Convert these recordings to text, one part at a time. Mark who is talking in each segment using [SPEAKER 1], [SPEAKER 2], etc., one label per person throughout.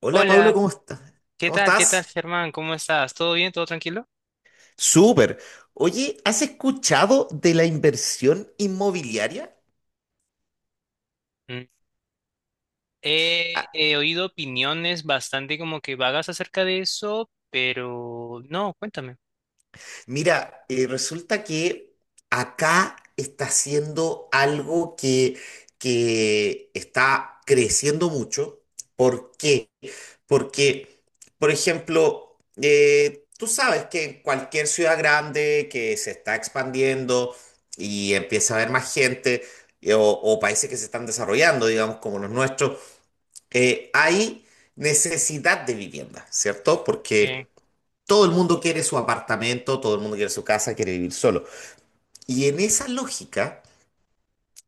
[SPEAKER 1] Hola Pablo,
[SPEAKER 2] Hola,
[SPEAKER 1] ¿cómo estás?
[SPEAKER 2] ¿qué
[SPEAKER 1] ¿Cómo
[SPEAKER 2] tal? ¿Qué tal,
[SPEAKER 1] estás?
[SPEAKER 2] Germán? ¿Cómo estás? ¿Todo bien? ¿Todo tranquilo?
[SPEAKER 1] Súper. Oye, ¿has escuchado de la inversión inmobiliaria?
[SPEAKER 2] Mm. He oído opiniones bastante como que vagas acerca de eso, pero no, cuéntame.
[SPEAKER 1] Mira, resulta que acá está haciendo algo que está creciendo mucho. ¿Por qué? Porque, por ejemplo, tú sabes que en cualquier ciudad grande que se está expandiendo y empieza a haber más gente, o países que se están desarrollando, digamos, como los nuestros, hay necesidad de vivienda, ¿cierto?
[SPEAKER 2] Eh,
[SPEAKER 1] Porque todo el mundo quiere su apartamento, todo el mundo quiere su casa, quiere vivir solo. Y en esa lógica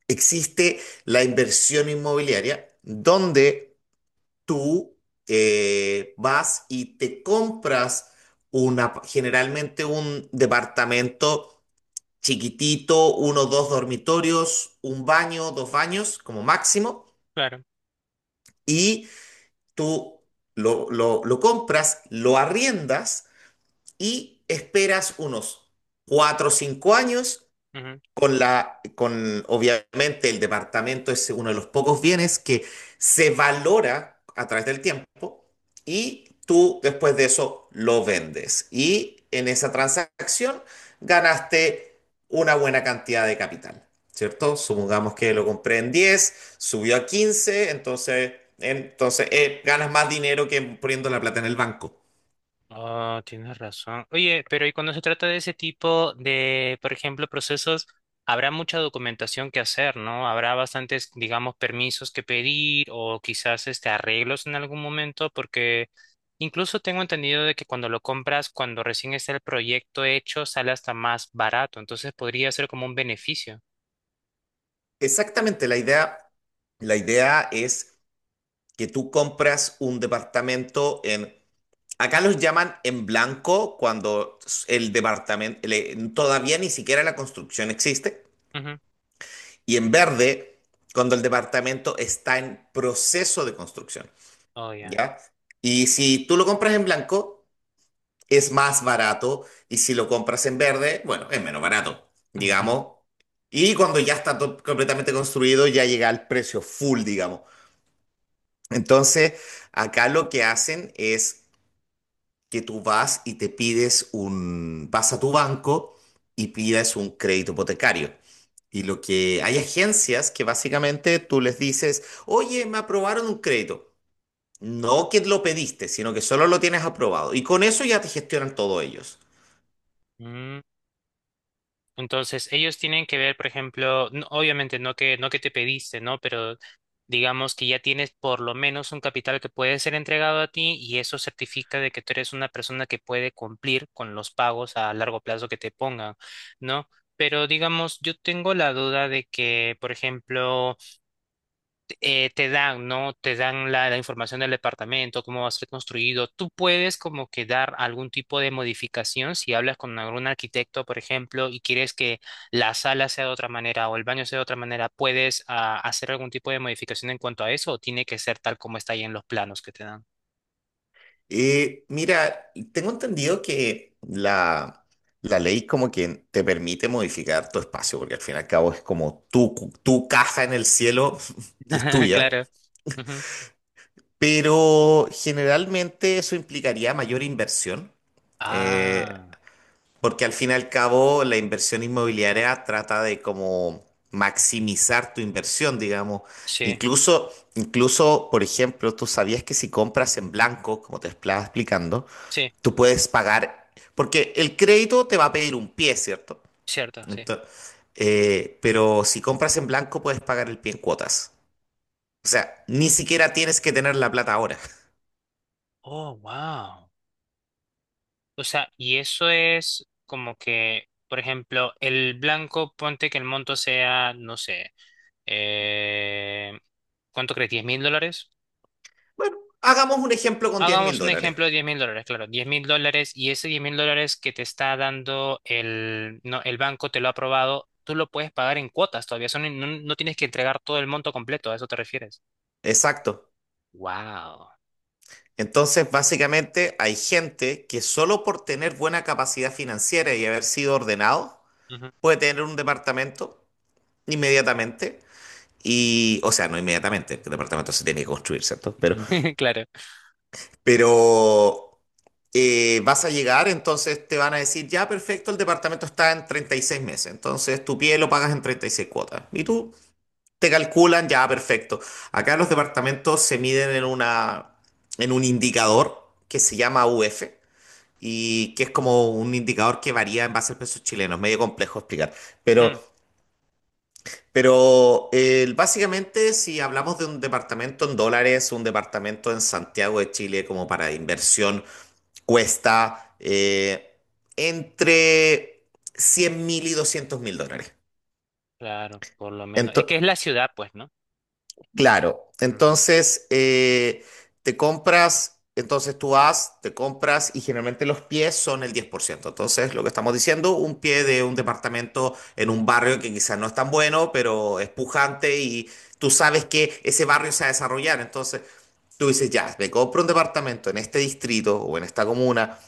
[SPEAKER 1] existe la inversión inmobiliaria donde tú vas y te compras una, generalmente un departamento chiquitito, uno o dos dormitorios, un baño, dos baños como máximo,
[SPEAKER 2] claro.
[SPEAKER 1] y tú lo compras, lo arriendas y esperas unos cuatro o cinco años con con obviamente el departamento es uno de los pocos bienes que se valora a través del tiempo y tú después de eso lo vendes. Y en esa transacción ganaste una buena cantidad de capital, ¿cierto? Supongamos que lo compré en diez, subió a quince, entonces, ganas más dinero que poniendo la plata en el banco.
[SPEAKER 2] Ah, tienes razón. Oye, pero y cuando se trata de ese tipo de, por ejemplo, procesos, habrá mucha documentación que hacer, ¿no? Habrá bastantes, digamos, permisos que pedir o quizás este arreglos en algún momento, porque incluso tengo entendido de que cuando lo compras, cuando recién está el proyecto hecho, sale hasta más barato, entonces podría ser como un beneficio.
[SPEAKER 1] Exactamente, la idea es que tú compras un departamento en... Acá los llaman en blanco cuando todavía ni siquiera la construcción existe,
[SPEAKER 2] Ujú.
[SPEAKER 1] y en verde cuando el departamento está en proceso de construcción,
[SPEAKER 2] Oh, ya.
[SPEAKER 1] ¿ya? Y si tú lo compras en blanco, es más barato, y si lo compras en verde, bueno, es menos barato, digamos. Y cuando ya está completamente construido, ya llega al precio full, digamos. Entonces, acá lo que hacen es que tú vas y te pides un, vas a tu banco y pides un crédito hipotecario. Y lo que hay agencias que básicamente tú les dices, oye, me aprobaron un crédito. No que lo pediste, sino que solo lo tienes aprobado. Y con eso ya te gestionan todo ellos.
[SPEAKER 2] Entonces, ellos tienen que ver, por ejemplo, obviamente no que te pediste, ¿no? Pero digamos que ya tienes por lo menos un capital que puede ser entregado a ti y eso certifica de que tú eres una persona que puede cumplir con los pagos a largo plazo que te pongan, ¿no? Pero digamos, yo tengo la duda de que, por ejemplo, te dan, ¿no? Te dan la información del departamento, cómo va a ser construido. Tú puedes como que dar algún tipo de modificación si hablas con algún arquitecto, por ejemplo, y quieres que la sala sea de otra manera o el baño sea de otra manera, ¿puedes hacer algún tipo de modificación en cuanto a eso o tiene que ser tal como está ahí en los planos que te dan?
[SPEAKER 1] Mira, tengo entendido que la ley como que te permite modificar tu espacio, porque al fin y al cabo es como tu casa en el cielo que es tuya.
[SPEAKER 2] Claro. Ujú.
[SPEAKER 1] Pero generalmente eso implicaría mayor inversión, eh,
[SPEAKER 2] Ah,
[SPEAKER 1] porque al fin y al cabo la inversión inmobiliaria trata de como maximizar tu inversión, digamos.
[SPEAKER 2] sí,
[SPEAKER 1] Incluso, por ejemplo, tú sabías que si compras en blanco, como te estaba explicando,
[SPEAKER 2] sí,
[SPEAKER 1] tú puedes pagar, porque el crédito te va a pedir un pie, ¿cierto?
[SPEAKER 2] cierto, sí.
[SPEAKER 1] Entonces, pero si compras en blanco, puedes pagar el pie en cuotas. O sea, ni siquiera tienes que tener la plata ahora.
[SPEAKER 2] Oh, wow. O sea, y eso es como que, por ejemplo, el blanco, ponte que el monto sea, no sé, eh, ¿cuánto crees? ¿$10.000?
[SPEAKER 1] Bueno, hagamos un ejemplo con diez mil
[SPEAKER 2] Hagamos un
[SPEAKER 1] dólares.
[SPEAKER 2] ejemplo de $10.000, claro, $10.000 y ese $10.000 que te está dando el, no, el banco, te lo ha aprobado, tú lo puedes pagar en cuotas todavía, eso no, no tienes que entregar todo el monto completo, ¿a eso te refieres?
[SPEAKER 1] Exacto.
[SPEAKER 2] Wow.
[SPEAKER 1] Entonces, básicamente, hay gente que solo por tener buena capacidad financiera y haber sido ordenado, puede tener un departamento inmediatamente. Y, o sea, no inmediatamente, el departamento se tiene que construir, ¿cierto? Pero,
[SPEAKER 2] Claro.
[SPEAKER 1] pero vas a llegar, entonces te van a decir, ya, perfecto, el departamento está en 36 meses. Entonces, tu pie lo pagas en 36 cuotas. Y tú te calculan, ya, perfecto. Acá los departamentos se miden en en un indicador que se llama UF y que es como un indicador que varía en base al peso chileno. Es medio complejo explicar, pero,
[SPEAKER 2] Mm,
[SPEAKER 1] pero básicamente si hablamos de un departamento en dólares, un departamento en Santiago de Chile como para inversión cuesta entre 100.000 y $200.000.
[SPEAKER 2] claro, por lo menos. Es que es la ciudad, pues, ¿no?
[SPEAKER 1] Claro,
[SPEAKER 2] Mm,
[SPEAKER 1] entonces te compras, entonces tú vas, te compras y generalmente los pies son el 10%. Entonces, lo que estamos diciendo, un pie de un departamento en un barrio que quizás no es tan bueno, pero es pujante y tú sabes que ese barrio se va a desarrollar. Entonces, tú dices, ya, me compro un departamento en este distrito o en esta comuna.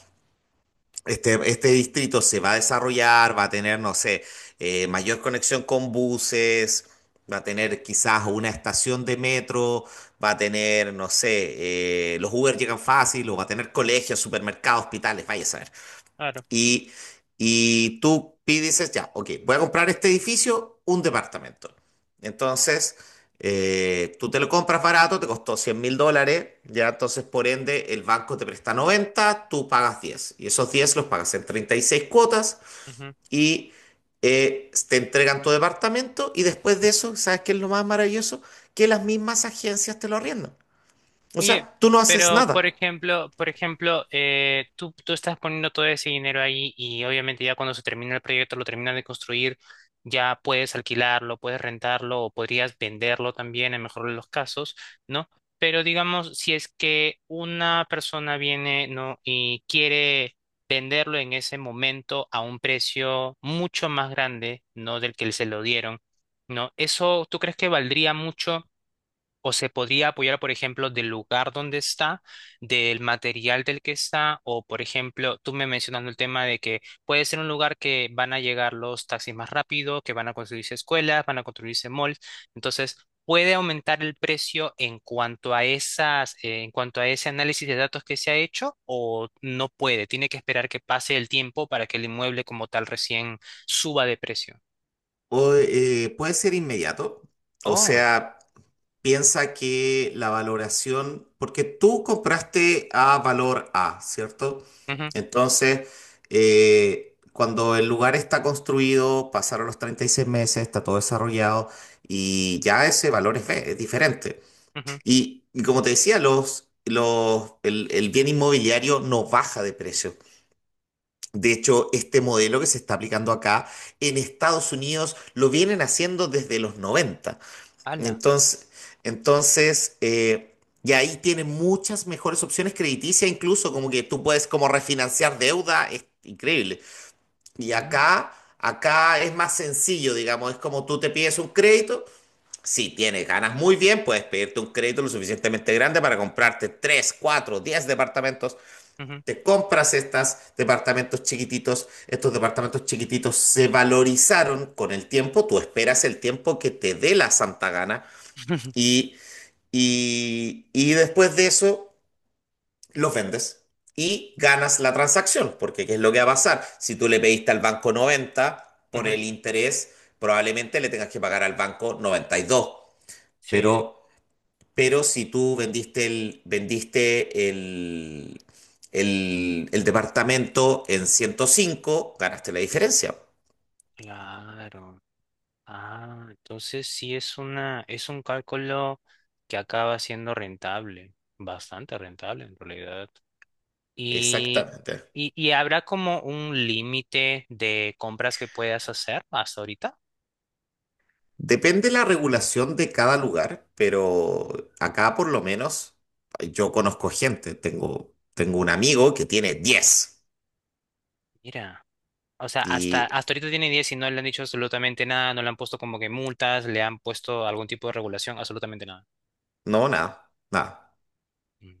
[SPEAKER 1] Este distrito se va a desarrollar, va a tener, no sé, mayor conexión con buses, va a tener quizás una estación de metro, va a tener, no sé, los Uber llegan fácil, o va a tener colegios, supermercados, hospitales, vaya a saber.
[SPEAKER 2] claro.
[SPEAKER 1] Y, dices, ya, ok, voy a comprar este edificio, un departamento. Entonces, tú te lo compras barato, te costó $100.000, ya entonces por ende el banco te presta 90, tú pagas diez. Y esos 10 los pagas en 36 cuotas y te entregan tu departamento y después de eso, ¿sabes qué es lo más maravilloso? Que las mismas agencias te lo arriendan. O
[SPEAKER 2] Oye,
[SPEAKER 1] sea, tú no haces
[SPEAKER 2] pero
[SPEAKER 1] nada.
[SPEAKER 2] por ejemplo, tú estás poniendo todo ese dinero ahí y obviamente ya cuando se termina el proyecto, lo terminan de construir, ya puedes alquilarlo, puedes rentarlo o podrías venderlo también en mejor de los casos, ¿no? Pero digamos, si es que una persona viene, ¿no? Y quiere venderlo en ese momento a un precio mucho más grande, ¿no? Del que se lo dieron, ¿no? ¿Eso tú crees que valdría mucho? O se podría apoyar, por ejemplo, del lugar donde está, del material del que está, o por ejemplo, tú me mencionando el tema de que puede ser un lugar que van a llegar los taxis más rápido, que van a construirse escuelas, van a construirse malls. Entonces, puede aumentar el precio en cuanto a esas, en cuanto a ese análisis de datos que se ha hecho, o no puede, tiene que esperar que pase el tiempo para que el inmueble como tal recién suba de precio.
[SPEAKER 1] O, puede ser inmediato. O
[SPEAKER 2] Oh,
[SPEAKER 1] sea... Piensa que la valoración, porque tú compraste a valor A, ¿cierto?
[SPEAKER 2] ujú,
[SPEAKER 1] Entonces, cuando el lugar está construido, pasaron los 36 meses, está todo desarrollado y ya ese valor es B, es diferente.
[SPEAKER 2] ujú,
[SPEAKER 1] Y como te decía, el bien inmobiliario no baja de precio. De hecho, este modelo que se está aplicando acá en Estados Unidos lo vienen haciendo desde los 90.
[SPEAKER 2] ala,
[SPEAKER 1] Entonces, entonces eh, y ahí tienes muchas mejores opciones crediticias, incluso como que tú puedes como refinanciar deuda, es increíble. Y
[SPEAKER 2] mm,
[SPEAKER 1] acá es más sencillo, digamos, es como tú te pides un crédito, si tienes ganas muy bien, puedes pedirte un crédito lo suficientemente grande para comprarte 3, 4, 10 departamentos.
[SPEAKER 2] ujú,
[SPEAKER 1] Te compras estos departamentos chiquititos se valorizaron con el tiempo, tú esperas el tiempo que te dé la santa gana y y después de eso, los vendes y ganas la transacción, porque ¿qué es lo que va a pasar? Si tú le pediste al banco 90 por
[SPEAKER 2] ujú,
[SPEAKER 1] el interés, probablemente le tengas que pagar al banco noventa y dos.
[SPEAKER 2] sí,
[SPEAKER 1] Pero, pero si tú el departamento en 105 ganaste la diferencia.
[SPEAKER 2] claro. Ah, entonces sí es una, es un cálculo que acaba siendo rentable, bastante rentable en realidad. Y,
[SPEAKER 1] Exactamente.
[SPEAKER 2] y habrá como un límite de compras que puedas hacer hasta ahorita.
[SPEAKER 1] Depende la regulación de cada lugar, pero acá por lo menos yo conozco gente. Tengo un amigo que tiene 10
[SPEAKER 2] Mira, o sea, hasta,
[SPEAKER 1] y
[SPEAKER 2] hasta ahorita tiene 10 y no le han dicho absolutamente nada, no le han puesto como que multas, le han puesto algún tipo de regulación, absolutamente nada.
[SPEAKER 1] no, nada, nada.
[SPEAKER 2] Mm.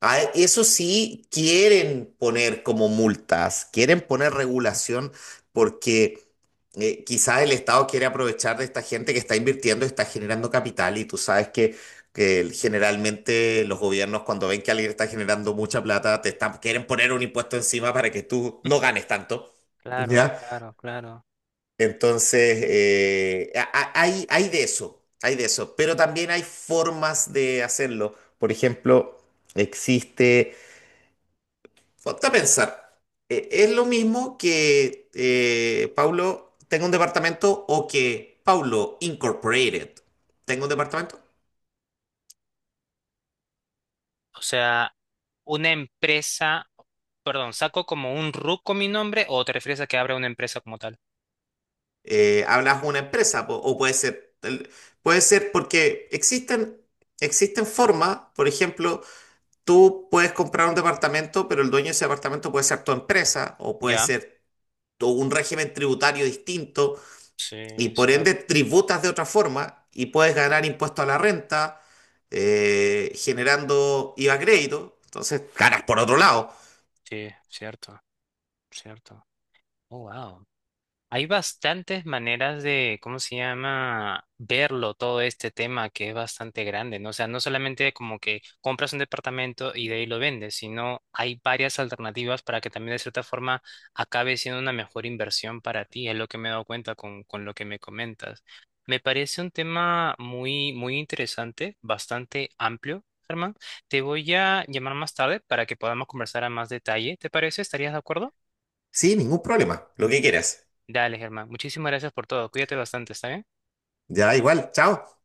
[SPEAKER 1] Ah, eso sí, quieren poner como multas, quieren poner regulación porque quizás el Estado quiere aprovechar de esta gente que está invirtiendo, está generando capital y tú sabes que generalmente los gobiernos cuando ven que alguien está generando mucha plata, te están, quieren poner un impuesto encima para que tú no ganes tanto,
[SPEAKER 2] Claro,
[SPEAKER 1] ¿ya?
[SPEAKER 2] claro, claro.
[SPEAKER 1] Entonces, hay, hay de eso, pero también hay formas de hacerlo. Por ejemplo, existe Ponte a pensar, es lo mismo que Paulo tenga un departamento o que Paulo Incorporated tenga un departamento.
[SPEAKER 2] O sea, una empresa, perdón, ¿saco como un RUC con mi nombre o te refieres a que abra una empresa como tal?
[SPEAKER 1] Hablas de una empresa o puede ser, puede ser porque existen, existen formas, por ejemplo, tú puedes comprar un departamento, pero el dueño de ese departamento puede ser tu empresa o puede
[SPEAKER 2] Ya.
[SPEAKER 1] ser un régimen tributario distinto
[SPEAKER 2] Sí,
[SPEAKER 1] y por
[SPEAKER 2] cierto,
[SPEAKER 1] ende tributas de otra forma y puedes ganar impuesto a la renta generando IVA crédito. Entonces, ganas por otro lado.
[SPEAKER 2] sí, cierto, cierto. Oh, wow. Hay bastantes maneras de, ¿cómo se llama?, verlo todo este tema que es bastante grande, ¿no? O sea, no solamente como que compras un departamento y de ahí lo vendes, sino hay varias alternativas para que también de cierta forma acabe siendo una mejor inversión para ti, es lo que me he dado cuenta con lo que me comentas. Me parece un tema muy, muy interesante, bastante amplio, Germán. Te voy a llamar más tarde para que podamos conversar a más detalle, ¿te parece? ¿Estarías de acuerdo?
[SPEAKER 1] Sí, ningún problema. Lo que quieras.
[SPEAKER 2] Dale, Germán. Muchísimas gracias por todo. Cuídate bastante, ¿está bien?
[SPEAKER 1] Ya, igual. Chao.